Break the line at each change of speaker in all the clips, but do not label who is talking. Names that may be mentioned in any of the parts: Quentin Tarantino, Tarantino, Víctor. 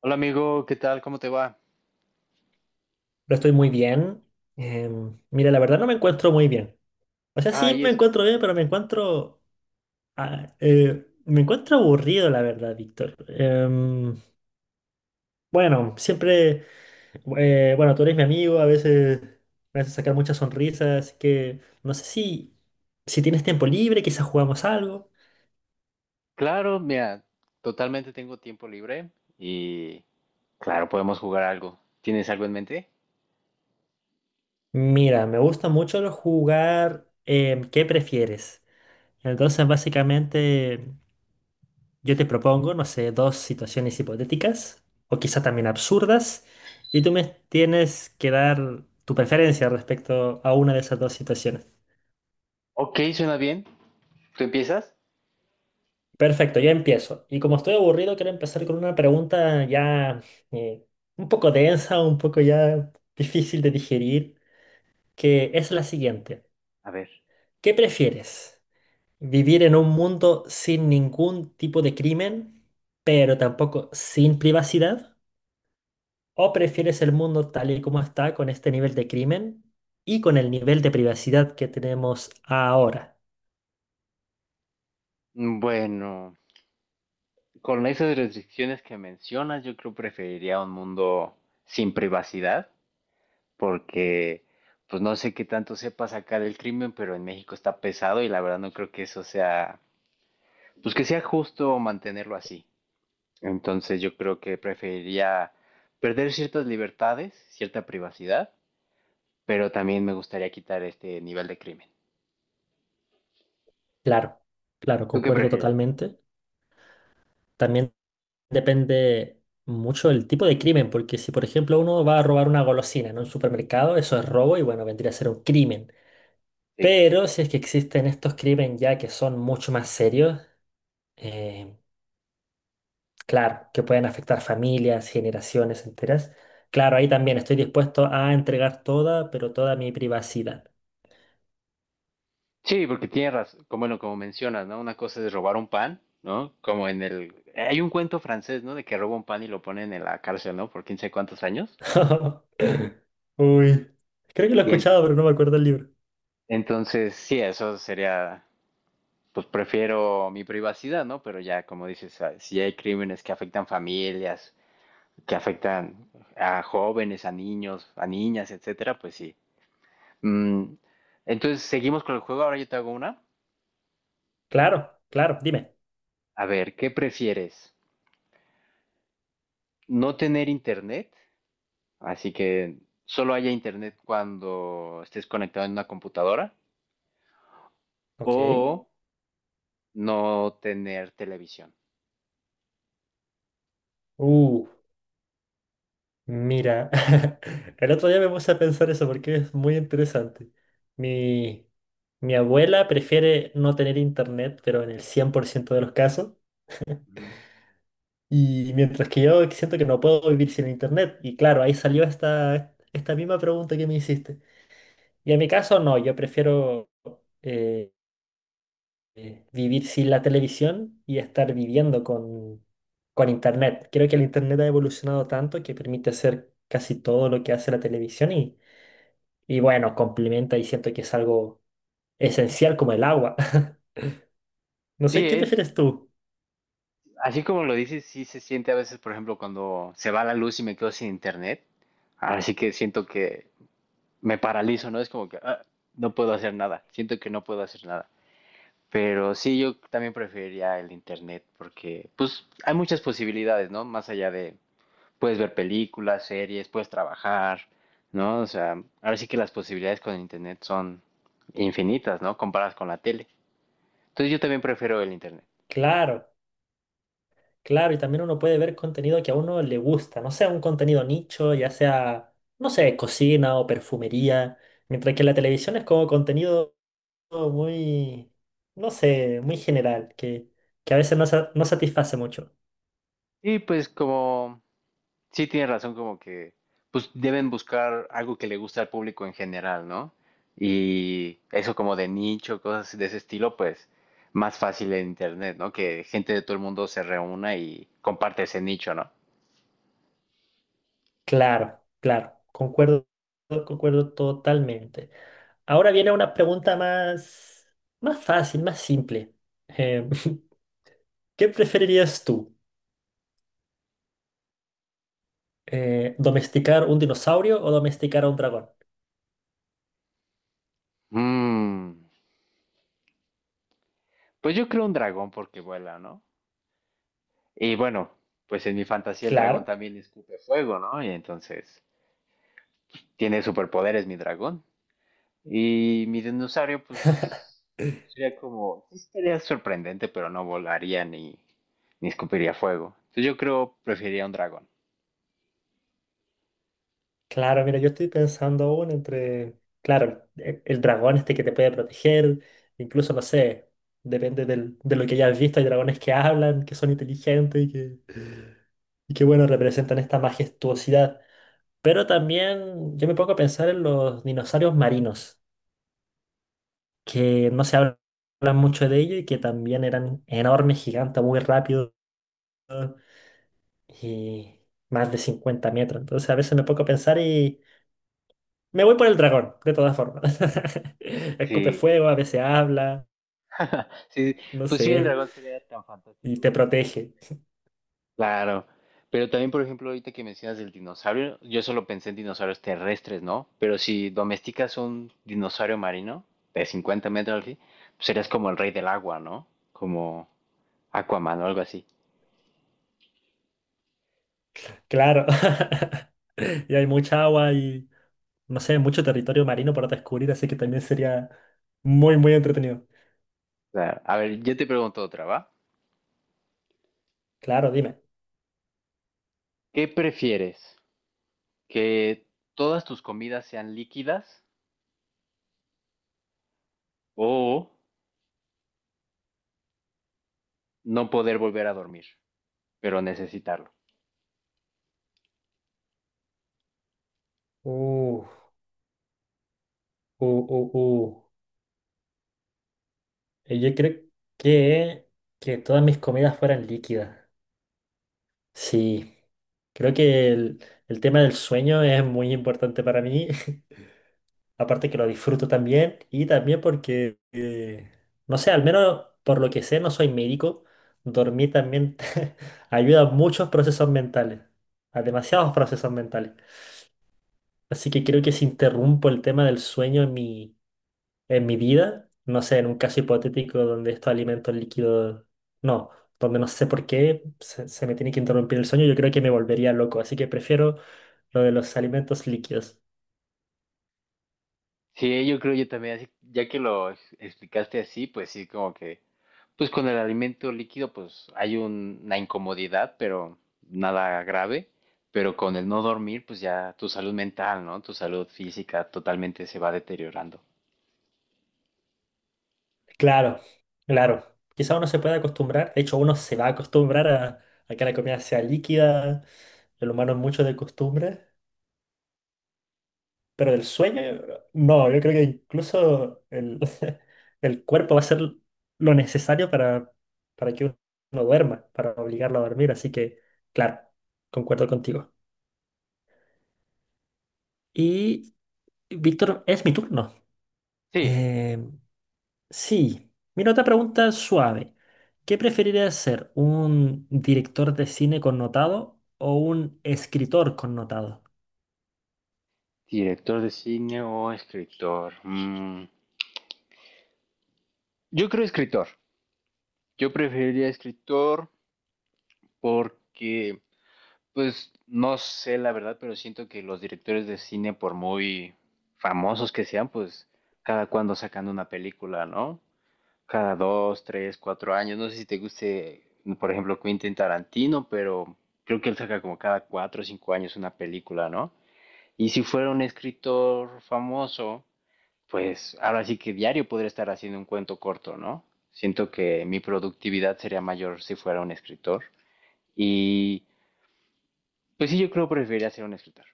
Hola amigo, ¿qué tal? ¿Cómo te va?
No estoy muy bien. Mira, la verdad no me encuentro muy bien. O sea,
Ah,
sí
y
me
eso.
encuentro bien, pero me encuentro, me encuentro aburrido, la verdad, Víctor. Bueno, siempre, bueno, tú eres mi amigo, a veces me haces sacar muchas sonrisas, así que no sé si tienes tiempo libre, quizás jugamos algo.
Claro, mira, totalmente tengo tiempo libre y claro, podemos jugar algo. ¿Tienes algo en mente?
Mira, me gusta mucho lo jugar ¿qué prefieres? Entonces, básicamente. Yo te propongo, no sé, dos situaciones hipotéticas o quizá también absurdas y tú me tienes que dar tu preferencia respecto a una de esas dos situaciones.
Ok, suena bien. ¿Tú empiezas?
Perfecto, yo empiezo. Y como estoy aburrido, quiero empezar con una pregunta ya eh, un poco densa, un poco ya difícil de digerir, que es la siguiente.
A ver.
¿Qué prefieres? ¿Vivir en un mundo sin ningún tipo de crimen, pero tampoco sin privacidad? ¿O prefieres el mundo tal y como está con este nivel de crimen y con el nivel de privacidad que tenemos ahora?
Bueno, con esas restricciones que mencionas, yo creo preferiría un mundo sin privacidad, porque pues no sé qué tanto sepa sacar el crimen, pero en México está pesado y la verdad no creo que eso sea, pues que sea justo mantenerlo así. Entonces yo creo que preferiría perder ciertas libertades, cierta privacidad, pero también me gustaría quitar este nivel de crimen.
Claro, claro,
¿Tú qué
concuerdo
prefieres?
totalmente. También depende mucho del tipo de crimen, porque si por ejemplo uno va a robar una golosina en un supermercado, eso es robo y bueno, vendría a ser un crimen.
Sí.
Pero si es que existen estos crímenes ya que son mucho más serios, eh, claro, que pueden afectar familias, generaciones enteras. Claro, ahí también estoy dispuesto a entregar toda, pero toda mi privacidad.
Sí, porque tienes razón, como, bueno, como mencionas, ¿no? Una cosa es robar un pan, ¿no? Como en el. Hay un cuento francés, ¿no? De que roba un pan y lo ponen en la cárcel, ¿no? Por quién sabe cuántos años.
Uy, creo que lo he
Y en-
escuchado, pero no me acuerdo el libro.
entonces, sí, eso sería, pues prefiero mi privacidad, ¿no? Pero ya, como dices, ah, si hay crímenes que afectan familias, que afectan a jóvenes, a niños, a niñas, etcétera, pues sí. Mm, entonces, seguimos con el juego. Ahora yo te hago una.
Claro, claro, dime.
A ver, ¿qué prefieres? ¿No tener internet? Así que solo haya internet cuando estés conectado en una computadora.
Ok.
O no tener televisión.
Uh, mira. El otro día me puse a pensar eso porque es muy interesante. Mi, mi abuela prefiere no tener internet, pero en el 100% de los casos.
Ujú.
Y mientras que yo siento que no puedo vivir sin internet. Y claro, ahí salió esta misma pregunta que me hiciste. Y en mi caso, no, yo prefiero eh, vivir sin la televisión y estar viviendo con internet. Creo que el internet ha evolucionado tanto que permite hacer casi todo lo que hace la televisión y bueno, complementa y siento que es algo esencial como el agua. No
Sí,
sé, ¿qué
es.
prefieres tú?
Así como lo dices, sí se siente a veces, por ejemplo, cuando se va la luz y me quedo sin internet. Así que siento que me paralizo, ¿no? Es como que ah, no puedo hacer nada, siento que no puedo hacer nada. Pero sí, yo también preferiría el internet porque, pues, hay muchas posibilidades, ¿no? Más allá de, puedes ver películas, series, puedes trabajar, ¿no? O sea, ahora sí que las posibilidades con el internet son infinitas, ¿no? Comparadas con la tele. Entonces yo también prefiero el internet.
Claro. Claro, y también uno puede ver contenido que a uno le gusta, no sea un contenido nicho, ya sea, no sé, cocina o perfumería, mientras que la televisión es como contenido muy, no sé, muy general, que a veces no, sa- no satisface mucho.
Y pues como Sí, tienes razón, como que pues deben buscar algo que le guste al público en general, ¿no? Y eso como de nicho, cosas de ese estilo, pues más fácil en internet, ¿no? Que gente de todo el mundo se reúna y comparte ese nicho, ¿no?
Claro, claro, concuerdo, concuerdo totalmente. Ahora viene una pregunta más, más fácil, más simple. Em, ¿qué preferirías tú? ¿Domesticar un dinosaurio o domesticar a un dragón?
Mm, pues yo creo un dragón porque vuela, ¿no? Y bueno, pues en mi fantasía el dragón
Claro.
también escupe fuego, ¿no? Y entonces tiene superpoderes mi dragón. Y mi dinosaurio, pues, sería como, sí estaría sorprendente, pero no volaría ni escupiría fuego. Entonces yo creo preferiría un dragón.
Claro, mira, yo estoy pensando aún entre, claro, el, dragón este que te puede proteger, incluso no sé, depende de lo que hayas visto, hay dragones que hablan, que son inteligentes y que bueno, representan esta majestuosidad. Pero también yo me pongo a pensar en los dinosaurios marinos, que no se habla mucho de ellos y que también eran enormes, gigantes, muy rápidos y más de 50 metros. Entonces a veces me pongo a pensar y... Me voy por el dragón, de todas formas. Escupe
Sí,
fuego, a veces habla,
sí,
no
pues sí, el
sé,
dragón sería tan
y te
fantástico.
protege.
Claro, pero también, por ejemplo, ahorita que mencionas el dinosaurio, yo solo pensé en dinosaurios terrestres, ¿no? Pero si domesticas un dinosaurio marino de 50 metros, así, pues serías como el rey del agua, ¿no? Como Aquaman o algo así.
Claro. Y hay mucha agua y, no sé, mucho territorio marino para descubrir, así que también sería muy, muy entretenido.
Claro. A ver, yo te pregunto otra, ¿va?
Claro, dime.
¿Qué prefieres? ¿Que todas tus comidas sean líquidas o no poder volver a dormir, pero necesitarlo?
Uh, uh, uh, uh. Yo creo que, que todas mis comidas fueran líquidas. Sí, creo que el tema del sueño es muy importante para mí. Aparte que lo disfruto también y también porque, no sé, al menos por lo que sé, no soy médico, dormir también ayuda a muchos procesos mentales, a demasiados procesos mentales. Así que creo que si interrumpo el tema del sueño en en mi vida, no sé, en un caso hipotético donde estos alimentos líquidos, no, donde no sé por qué se me tiene que interrumpir el sueño, yo creo que me volvería loco. Así que prefiero lo de los alimentos líquidos.
Sí, yo creo yo también, así- ya que lo explicaste así, pues sí, como que, pues con el alimento líquido, pues hay una incomodidad, pero nada grave, pero con el no dormir, pues ya tu salud mental, ¿no? Tu salud física totalmente se va deteriorando.
Claro, claro. Quizá uno se pueda acostumbrar, de hecho uno se va a acostumbrar a que la comida sea líquida, el humano es mucho de costumbre, pero del sueño, no, yo creo que incluso el, el cuerpo va a hacer lo necesario para que uno duerma, para obligarlo a dormir, así que, claro, concuerdo contigo. Y, Víctor, es mi turno.
Sí,
Eh, Sí, mira otra pregunta suave. ¿Qué preferirías ser, un director de cine connotado o un escritor connotado?
director de cine o escritor. Yo creo escritor. Yo preferiría escritor porque, pues, no sé la verdad, pero siento que los directores de cine, por muy famosos que sean, pues, cada cuando sacan una película, ¿no? Cada 2, 3, 4 años. No sé si te guste, por ejemplo, Quentin Tarantino, pero creo que él saca como cada 4 o 5 años una película, ¿no? Y si fuera un escritor famoso, pues ahora sí que diario podría estar haciendo un cuento corto, ¿no? Siento que mi productividad sería mayor si fuera un escritor. Y pues sí, yo creo que preferiría ser un escritor.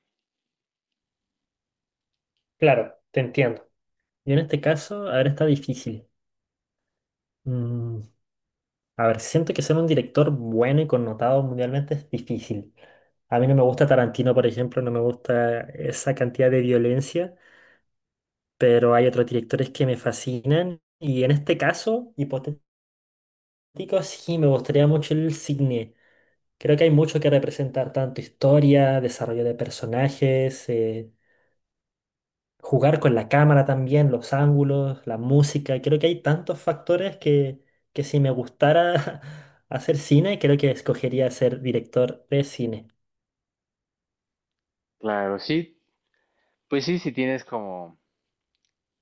Claro, te entiendo. Yo en este caso, a ver, está difícil. Mm, a ver, siento que ser un director bueno y connotado mundialmente es difícil. A mí no me gusta Tarantino, por ejemplo, no me gusta esa cantidad de violencia, pero hay otros directores que me fascinan y en este caso, hipotético, sí, me gustaría mucho el cine. Creo que hay mucho que representar, tanto historia, desarrollo de personajes, jugar con la cámara también, los ángulos, la música. Creo que hay tantos factores que si me gustara hacer cine, creo que escogería ser director de cine.
Claro, sí, pues sí, si tienes como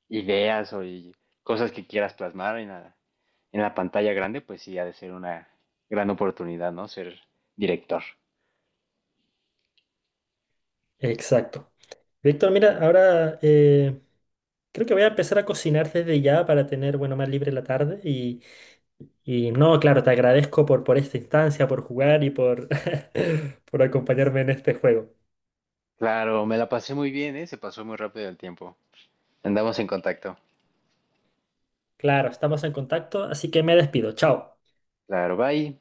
ideas o y cosas que quieras plasmar en la pantalla grande, pues sí, ha de ser una gran oportunidad, ¿no? Ser director.
Exacto. Víctor, mira, ahora creo que voy a empezar a cocinar desde ya para tener, bueno, más libre la tarde. Y no, claro, te agradezco por esta instancia, por jugar y por, por acompañarme en este juego.
Claro, me la pasé muy bien, ¿eh? Se pasó muy rápido el tiempo. Andamos en contacto.
Claro, estamos en contacto, así que me despido. Chao.
Claro, bye.